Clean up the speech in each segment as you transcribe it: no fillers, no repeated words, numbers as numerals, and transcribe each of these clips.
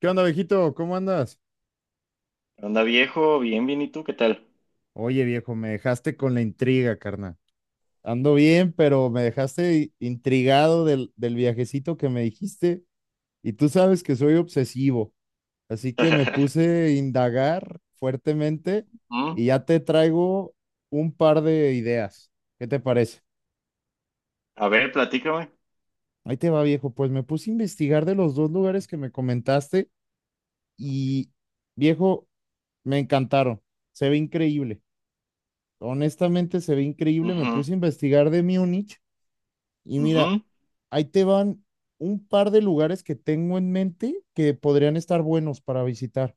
¿Qué onda, viejito? ¿Cómo andas? ¿Qué onda, viejo? Bien, bien, ¿y tú qué tal? Oye, viejo, me dejaste con la intriga, carnal. Ando bien, pero me dejaste intrigado del viajecito que me dijiste. Y tú sabes que soy obsesivo, así que me puse a indagar fuertemente ¿Mm? y ya te traigo un par de ideas. ¿Qué te parece? A ver, platícame. Ahí te va, viejo. Pues me puse a investigar de los dos lugares que me comentaste y, viejo, me encantaron. Se ve increíble. Honestamente se ve increíble. Me Ujú, puse a investigar de Múnich y mira, ujú. ahí te van un par de lugares que tengo en mente que podrían estar buenos para visitar.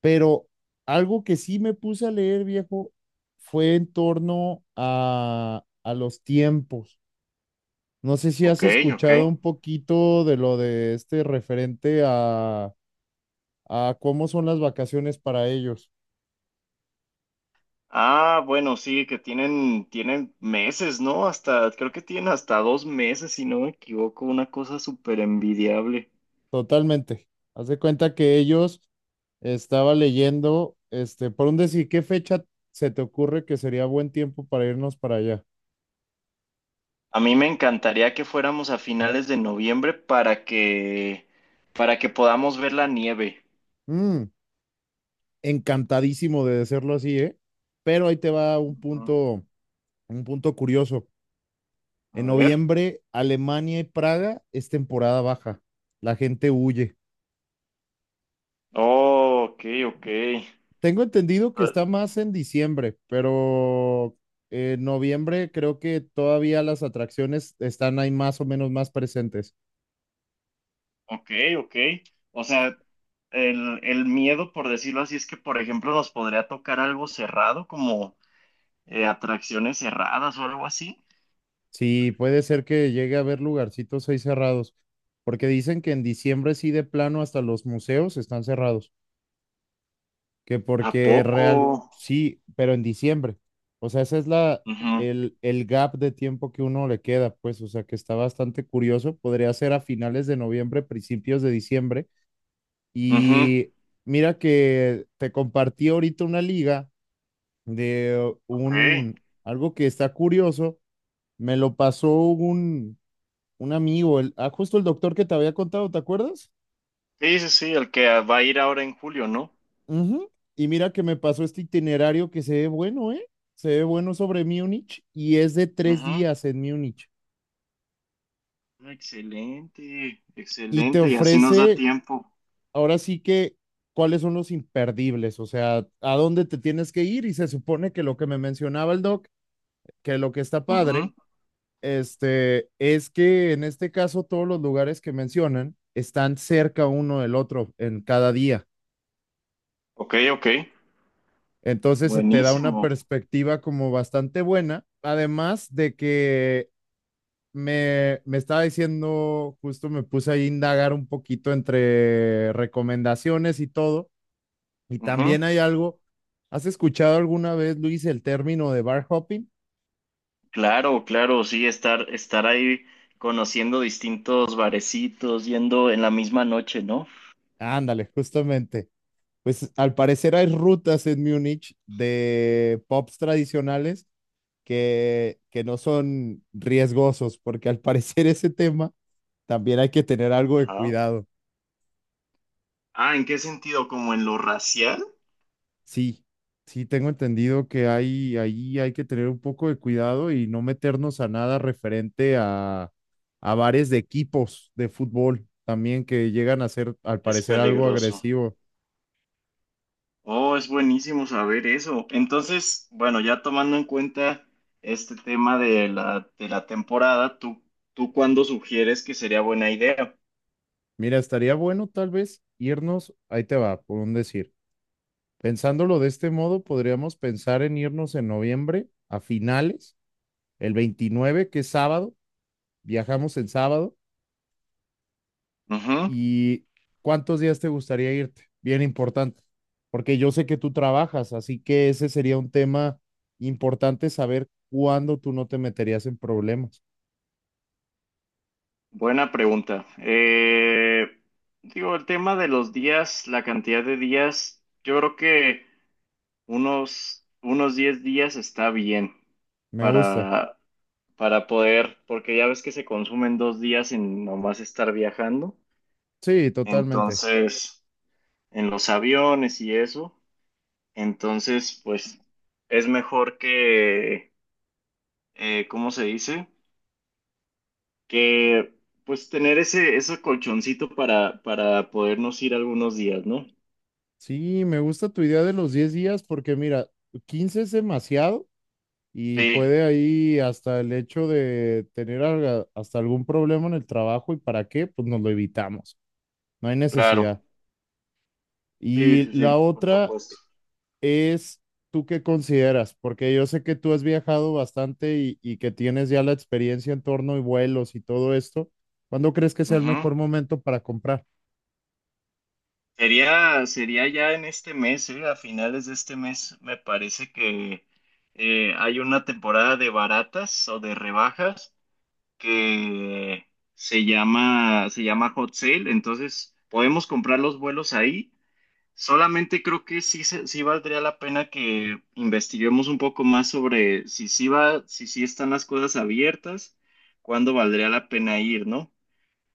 Pero algo que sí me puse a leer, viejo, fue en torno a los tiempos. No sé si has Ok, ok. escuchado un poquito de lo de este referente a cómo son las vacaciones para ellos. Ah, bueno, sí, que tienen, tienen meses, ¿no? Hasta, creo que tienen hasta 2 meses, si no me equivoco, una cosa súper envidiable. Totalmente. Haz de cuenta que ellos estaba leyendo, este, por un decir, ¿qué fecha se te ocurre que sería buen tiempo para irnos para allá? A mí me encantaría que fuéramos a finales de noviembre para para que podamos ver la nieve. Mm, Encantadísimo de decirlo así, ¿eh? Pero ahí te va Ujú. Un punto curioso. En A ver. noviembre, Alemania y Praga es temporada baja. La gente huye. Oh, ok, Tengo entendido que está ok. más en diciembre, pero en noviembre creo que todavía las atracciones están ahí más o menos más presentes. Ok, ok. O sea, el miedo, por decirlo así, es que, por ejemplo, nos podría tocar algo cerrado, como atracciones cerradas o algo así. Sí, puede ser que llegue a haber lugarcitos ahí cerrados, porque dicen que en diciembre sí de plano hasta los museos están cerrados, que ¿A porque real, poco? sí, pero en diciembre. O sea, esa es la, Ujú, el gap de tiempo que uno le queda, pues, o sea, que está bastante curioso. Podría ser a finales de noviembre, principios de diciembre. ujú, Y mira que te compartí ahorita una liga de Ok. un, algo que está curioso. Me lo pasó un amigo, justo el doctor que te había contado, ¿te acuerdas? Sí, sí, sí, el que va a ir ahora en julio, ¿no? Ujú. Y mira que me pasó este itinerario que se ve bueno, ¿eh? Se ve bueno sobre Múnich y es de tres Ujú. días en Múnich. Excelente, Y te excelente. Y así nos da ofrece, tiempo. ahora sí que, cuáles son los imperdibles, o sea, a dónde te tienes que ir. Y se supone que lo que me mencionaba el doc, que lo que está padre, Ujú. este, es que en este caso todos los lugares que mencionan están cerca uno del otro en cada día. Ok, ok. Entonces se te da una Buenísimo. perspectiva como bastante buena, además de que me estaba diciendo, justo me puse ahí a indagar un poquito entre recomendaciones y todo, y Ujú. también hay algo, ¿has escuchado alguna vez, Luis, el término de bar hopping? Claro, claro, sí, estar ahí conociendo distintos barecitos, yendo en la misma noche, ¿no? Ándale, justamente. Pues al parecer hay rutas en Múnich de pubs tradicionales que no son riesgosos, porque al parecer ese tema también hay que tener algo de Ajá. cuidado. Ah, ¿en qué sentido? ¿Como en lo racial? Sí, sí, tengo entendido que hay, ahí hay que tener un poco de cuidado y no meternos a nada referente a bares de equipos de fútbol también que llegan a ser, al Es parecer, algo peligroso. agresivo. Oh, es buenísimo saber eso. Entonces, bueno, ya tomando en cuenta este tema de de la temporada, ¿tú, tú cuándo sugieres que sería buena idea? Mira, estaría bueno tal vez irnos, ahí te va, por un decir. Pensándolo de este modo, podríamos pensar en irnos en noviembre a finales el 29 que es sábado, viajamos el sábado. Ujú. ¿Y cuántos días te gustaría irte? Bien importante, porque yo sé que tú trabajas, así que ese sería un tema importante saber cuándo tú no te meterías en problemas. Buena pregunta. Digo, el tema de los días, la cantidad de días, yo creo que... unos 10 días está bien Me gusta. para, para poder, porque ya ves que se consumen 2 días en nomás estar viajando. Sí, totalmente. Entonces, en los aviones y eso, entonces, pues es mejor que, ¿cómo se dice? Que pues tener ese colchoncito para podernos ir algunos días, ¿no? Sí, me gusta tu idea de los 10 días porque mira, 15 es demasiado y Sí, puede ahí hasta el hecho de tener hasta algún problema en el trabajo y para qué, pues nos lo evitamos. No hay claro. necesidad. Sí, Y sí, sí, la por otra supuesto. es, ¿tú qué consideras? Porque yo sé que tú has viajado bastante y que tienes ya la experiencia en torno y vuelos y todo esto. ¿Cuándo crees que sea el Ujú. mejor momento para comprar? Sería, sería ya en este mes, a finales de este mes, me parece que hay una temporada de baratas o de rebajas que se llama Hot Sale, entonces podemos comprar los vuelos ahí. Solamente creo que sí, sí valdría la pena que investiguemos un poco más sobre si sí va, si sí están las cosas abiertas, cuándo valdría la pena ir, ¿no?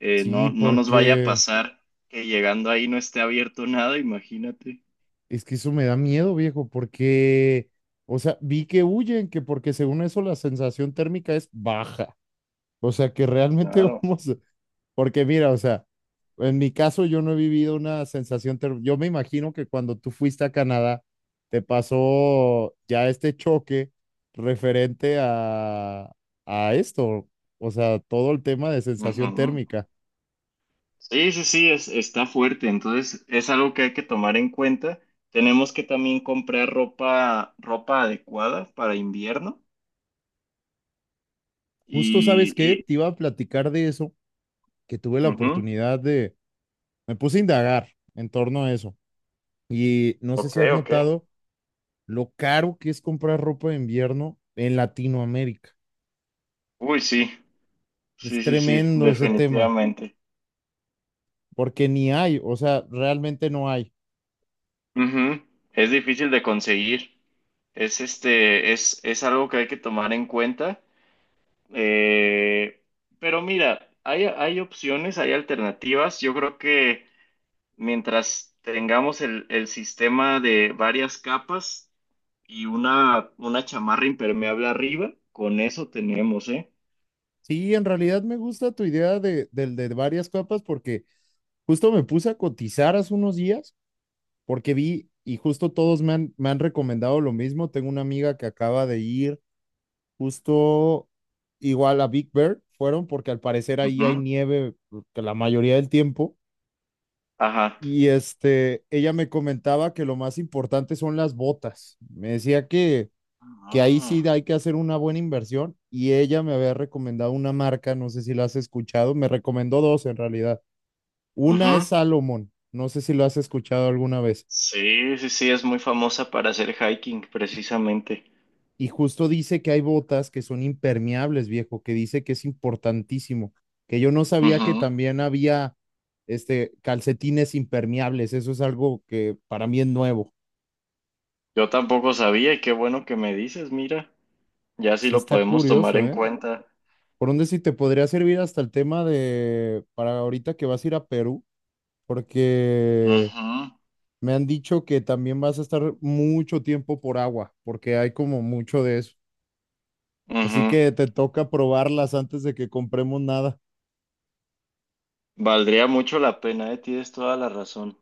No, Sí, no nos vaya a porque pasar que llegando ahí no esté abierto nada, imagínate. es que eso me da miedo, viejo, porque, o sea, vi que huyen, que porque según eso la sensación térmica es baja. O sea, que realmente Claro. vamos, porque mira, o sea, en mi caso yo no he vivido una sensación terrible. Yo me imagino que cuando tú fuiste a Canadá, te pasó ya este choque referente a esto, o sea, todo el tema de sensación Ujú. térmica. Sí, sí, sí, es, está fuerte, entonces es algo que hay que tomar en cuenta. Tenemos que también comprar ropa, ropa adecuada para invierno Justo, ¿sabes y, qué? y Te iba a platicar de eso, que tuve la ujú. oportunidad de, me puse a indagar en torno a eso. Y no sé Ok, si has ok. notado lo caro que es comprar ropa de invierno en Latinoamérica. Uy, sí, sí, Es sí, sí, tremendo ese tema. definitivamente. Porque ni hay, o sea, realmente no hay. Ujú. Es difícil de conseguir. Es es algo que hay que tomar en cuenta. Eh, pero mira, hay opciones, hay alternativas. Yo creo que mientras tengamos el sistema de varias capas y una chamarra impermeable arriba, con eso tenemos, ¿eh? Sí, en realidad me gusta tu idea de, del de varias capas porque justo me puse a cotizar hace unos días porque vi y justo todos me han recomendado lo mismo. Tengo una amiga que acaba de ir justo igual a Big Bear, fueron porque al parecer ahí hay Ujú, nieve que la mayoría del tiempo. Ajá. Y este, ella me comentaba que lo más importante son las botas. Me decía que ahí sí Ah, hay que hacer una buena inversión y ella me había recomendado una marca, no sé si la has escuchado, me recomendó dos en realidad. Una es ujú. Salomon, no sé si lo has escuchado alguna vez. Sí, sí, sí, es muy famosa para hacer hiking, precisamente. Y justo dice que hay botas que son impermeables, viejo, que dice que es importantísimo, que yo no sabía que Ujú. también había este calcetines impermeables, eso es algo que para mí es nuevo. Yo tampoco sabía y qué bueno que me dices, mira, ya sí Sí lo está podemos tomar curioso, en ¿eh? cuenta. Por donde sí te podría servir hasta el tema de para ahorita que vas a ir a Perú, porque Ujú, me han dicho que también vas a estar mucho tiempo por agua, porque hay como mucho de eso. Así ujú. que te toca probarlas antes de que compremos nada. Valdría mucho la pena, ¿eh? Tienes toda la razón.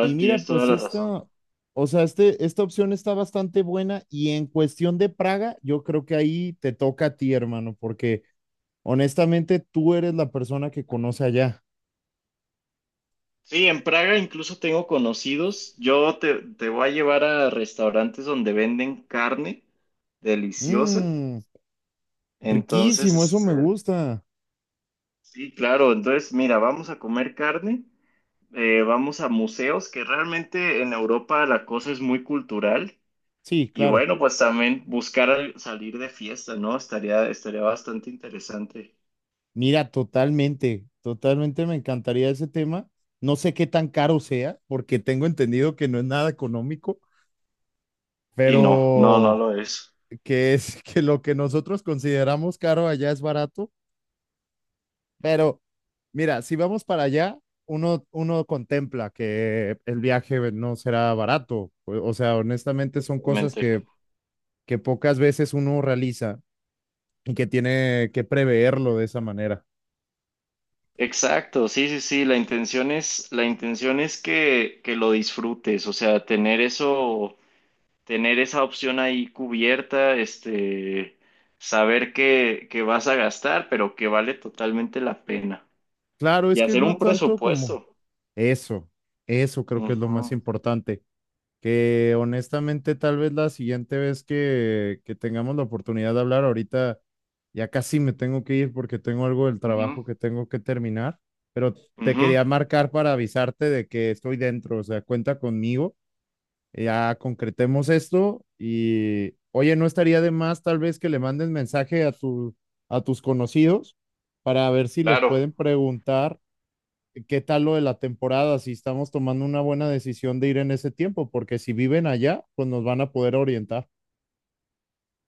Y mira, Tienes toda pues la razón. esta, o sea, este, esta opción está bastante buena y en cuestión de Praga, yo creo que ahí te toca a ti, hermano, porque honestamente tú eres la persona que conoce allá. Sí, en Praga incluso tengo conocidos. Yo te voy a llevar a restaurantes donde venden carne deliciosa. Mmm, Entonces, Riquísimo, eso me este, gusta. sí, claro. Entonces, mira, vamos a comer carne, vamos a museos, que realmente en Europa la cosa es muy cultural. Sí, Y claro. bueno, pues también buscar salir de fiesta, ¿no? Estaría, estaría bastante interesante. Mira, totalmente, totalmente me encantaría ese tema. No sé qué tan caro sea, porque tengo entendido que no es nada económico, Y no, no, no pero lo es, que es que lo que nosotros consideramos caro allá es barato. Pero mira, si vamos para allá, uno contempla que el viaje no será barato. O sea, honestamente son cosas realmente. que pocas veces uno realiza y que tiene que preverlo de esa manera. Exacto, sí, sí, sí, la intención es que lo disfrutes, o sea, tener eso, tener esa opción ahí cubierta, este, saber que vas a gastar, pero que vale totalmente la pena. Claro, es Y que hacer no es un tanto como presupuesto. Eso, eso creo que es lo más Ujú, importante. Que honestamente, tal vez la siguiente vez que tengamos la oportunidad de hablar, ahorita ya casi me tengo que ir porque tengo algo del trabajo ujú, que tengo que terminar, pero te ujú, quería marcar para avisarte de que estoy dentro, o sea, cuenta conmigo, ya concretemos esto y, oye, no estaría de más tal vez que le mandes mensaje a tus conocidos para ver si les Claro, pueden preguntar qué tal lo de la temporada, si estamos tomando una buena decisión de ir en ese tiempo, porque si viven allá, pues nos van a poder orientar.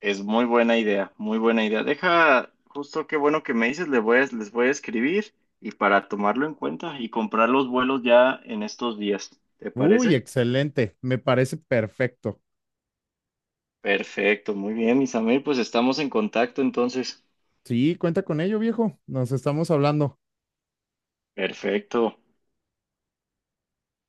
es muy buena idea, muy buena idea. Deja, justo qué bueno que me dices, les voy les voy a escribir y para tomarlo en cuenta y comprar los vuelos ya en estos días, ¿te Uy, parece? excelente, me parece perfecto. Perfecto, muy bien, Isamel, pues estamos en contacto entonces. Sí, cuenta con ello, viejo. Nos estamos hablando. Perfecto.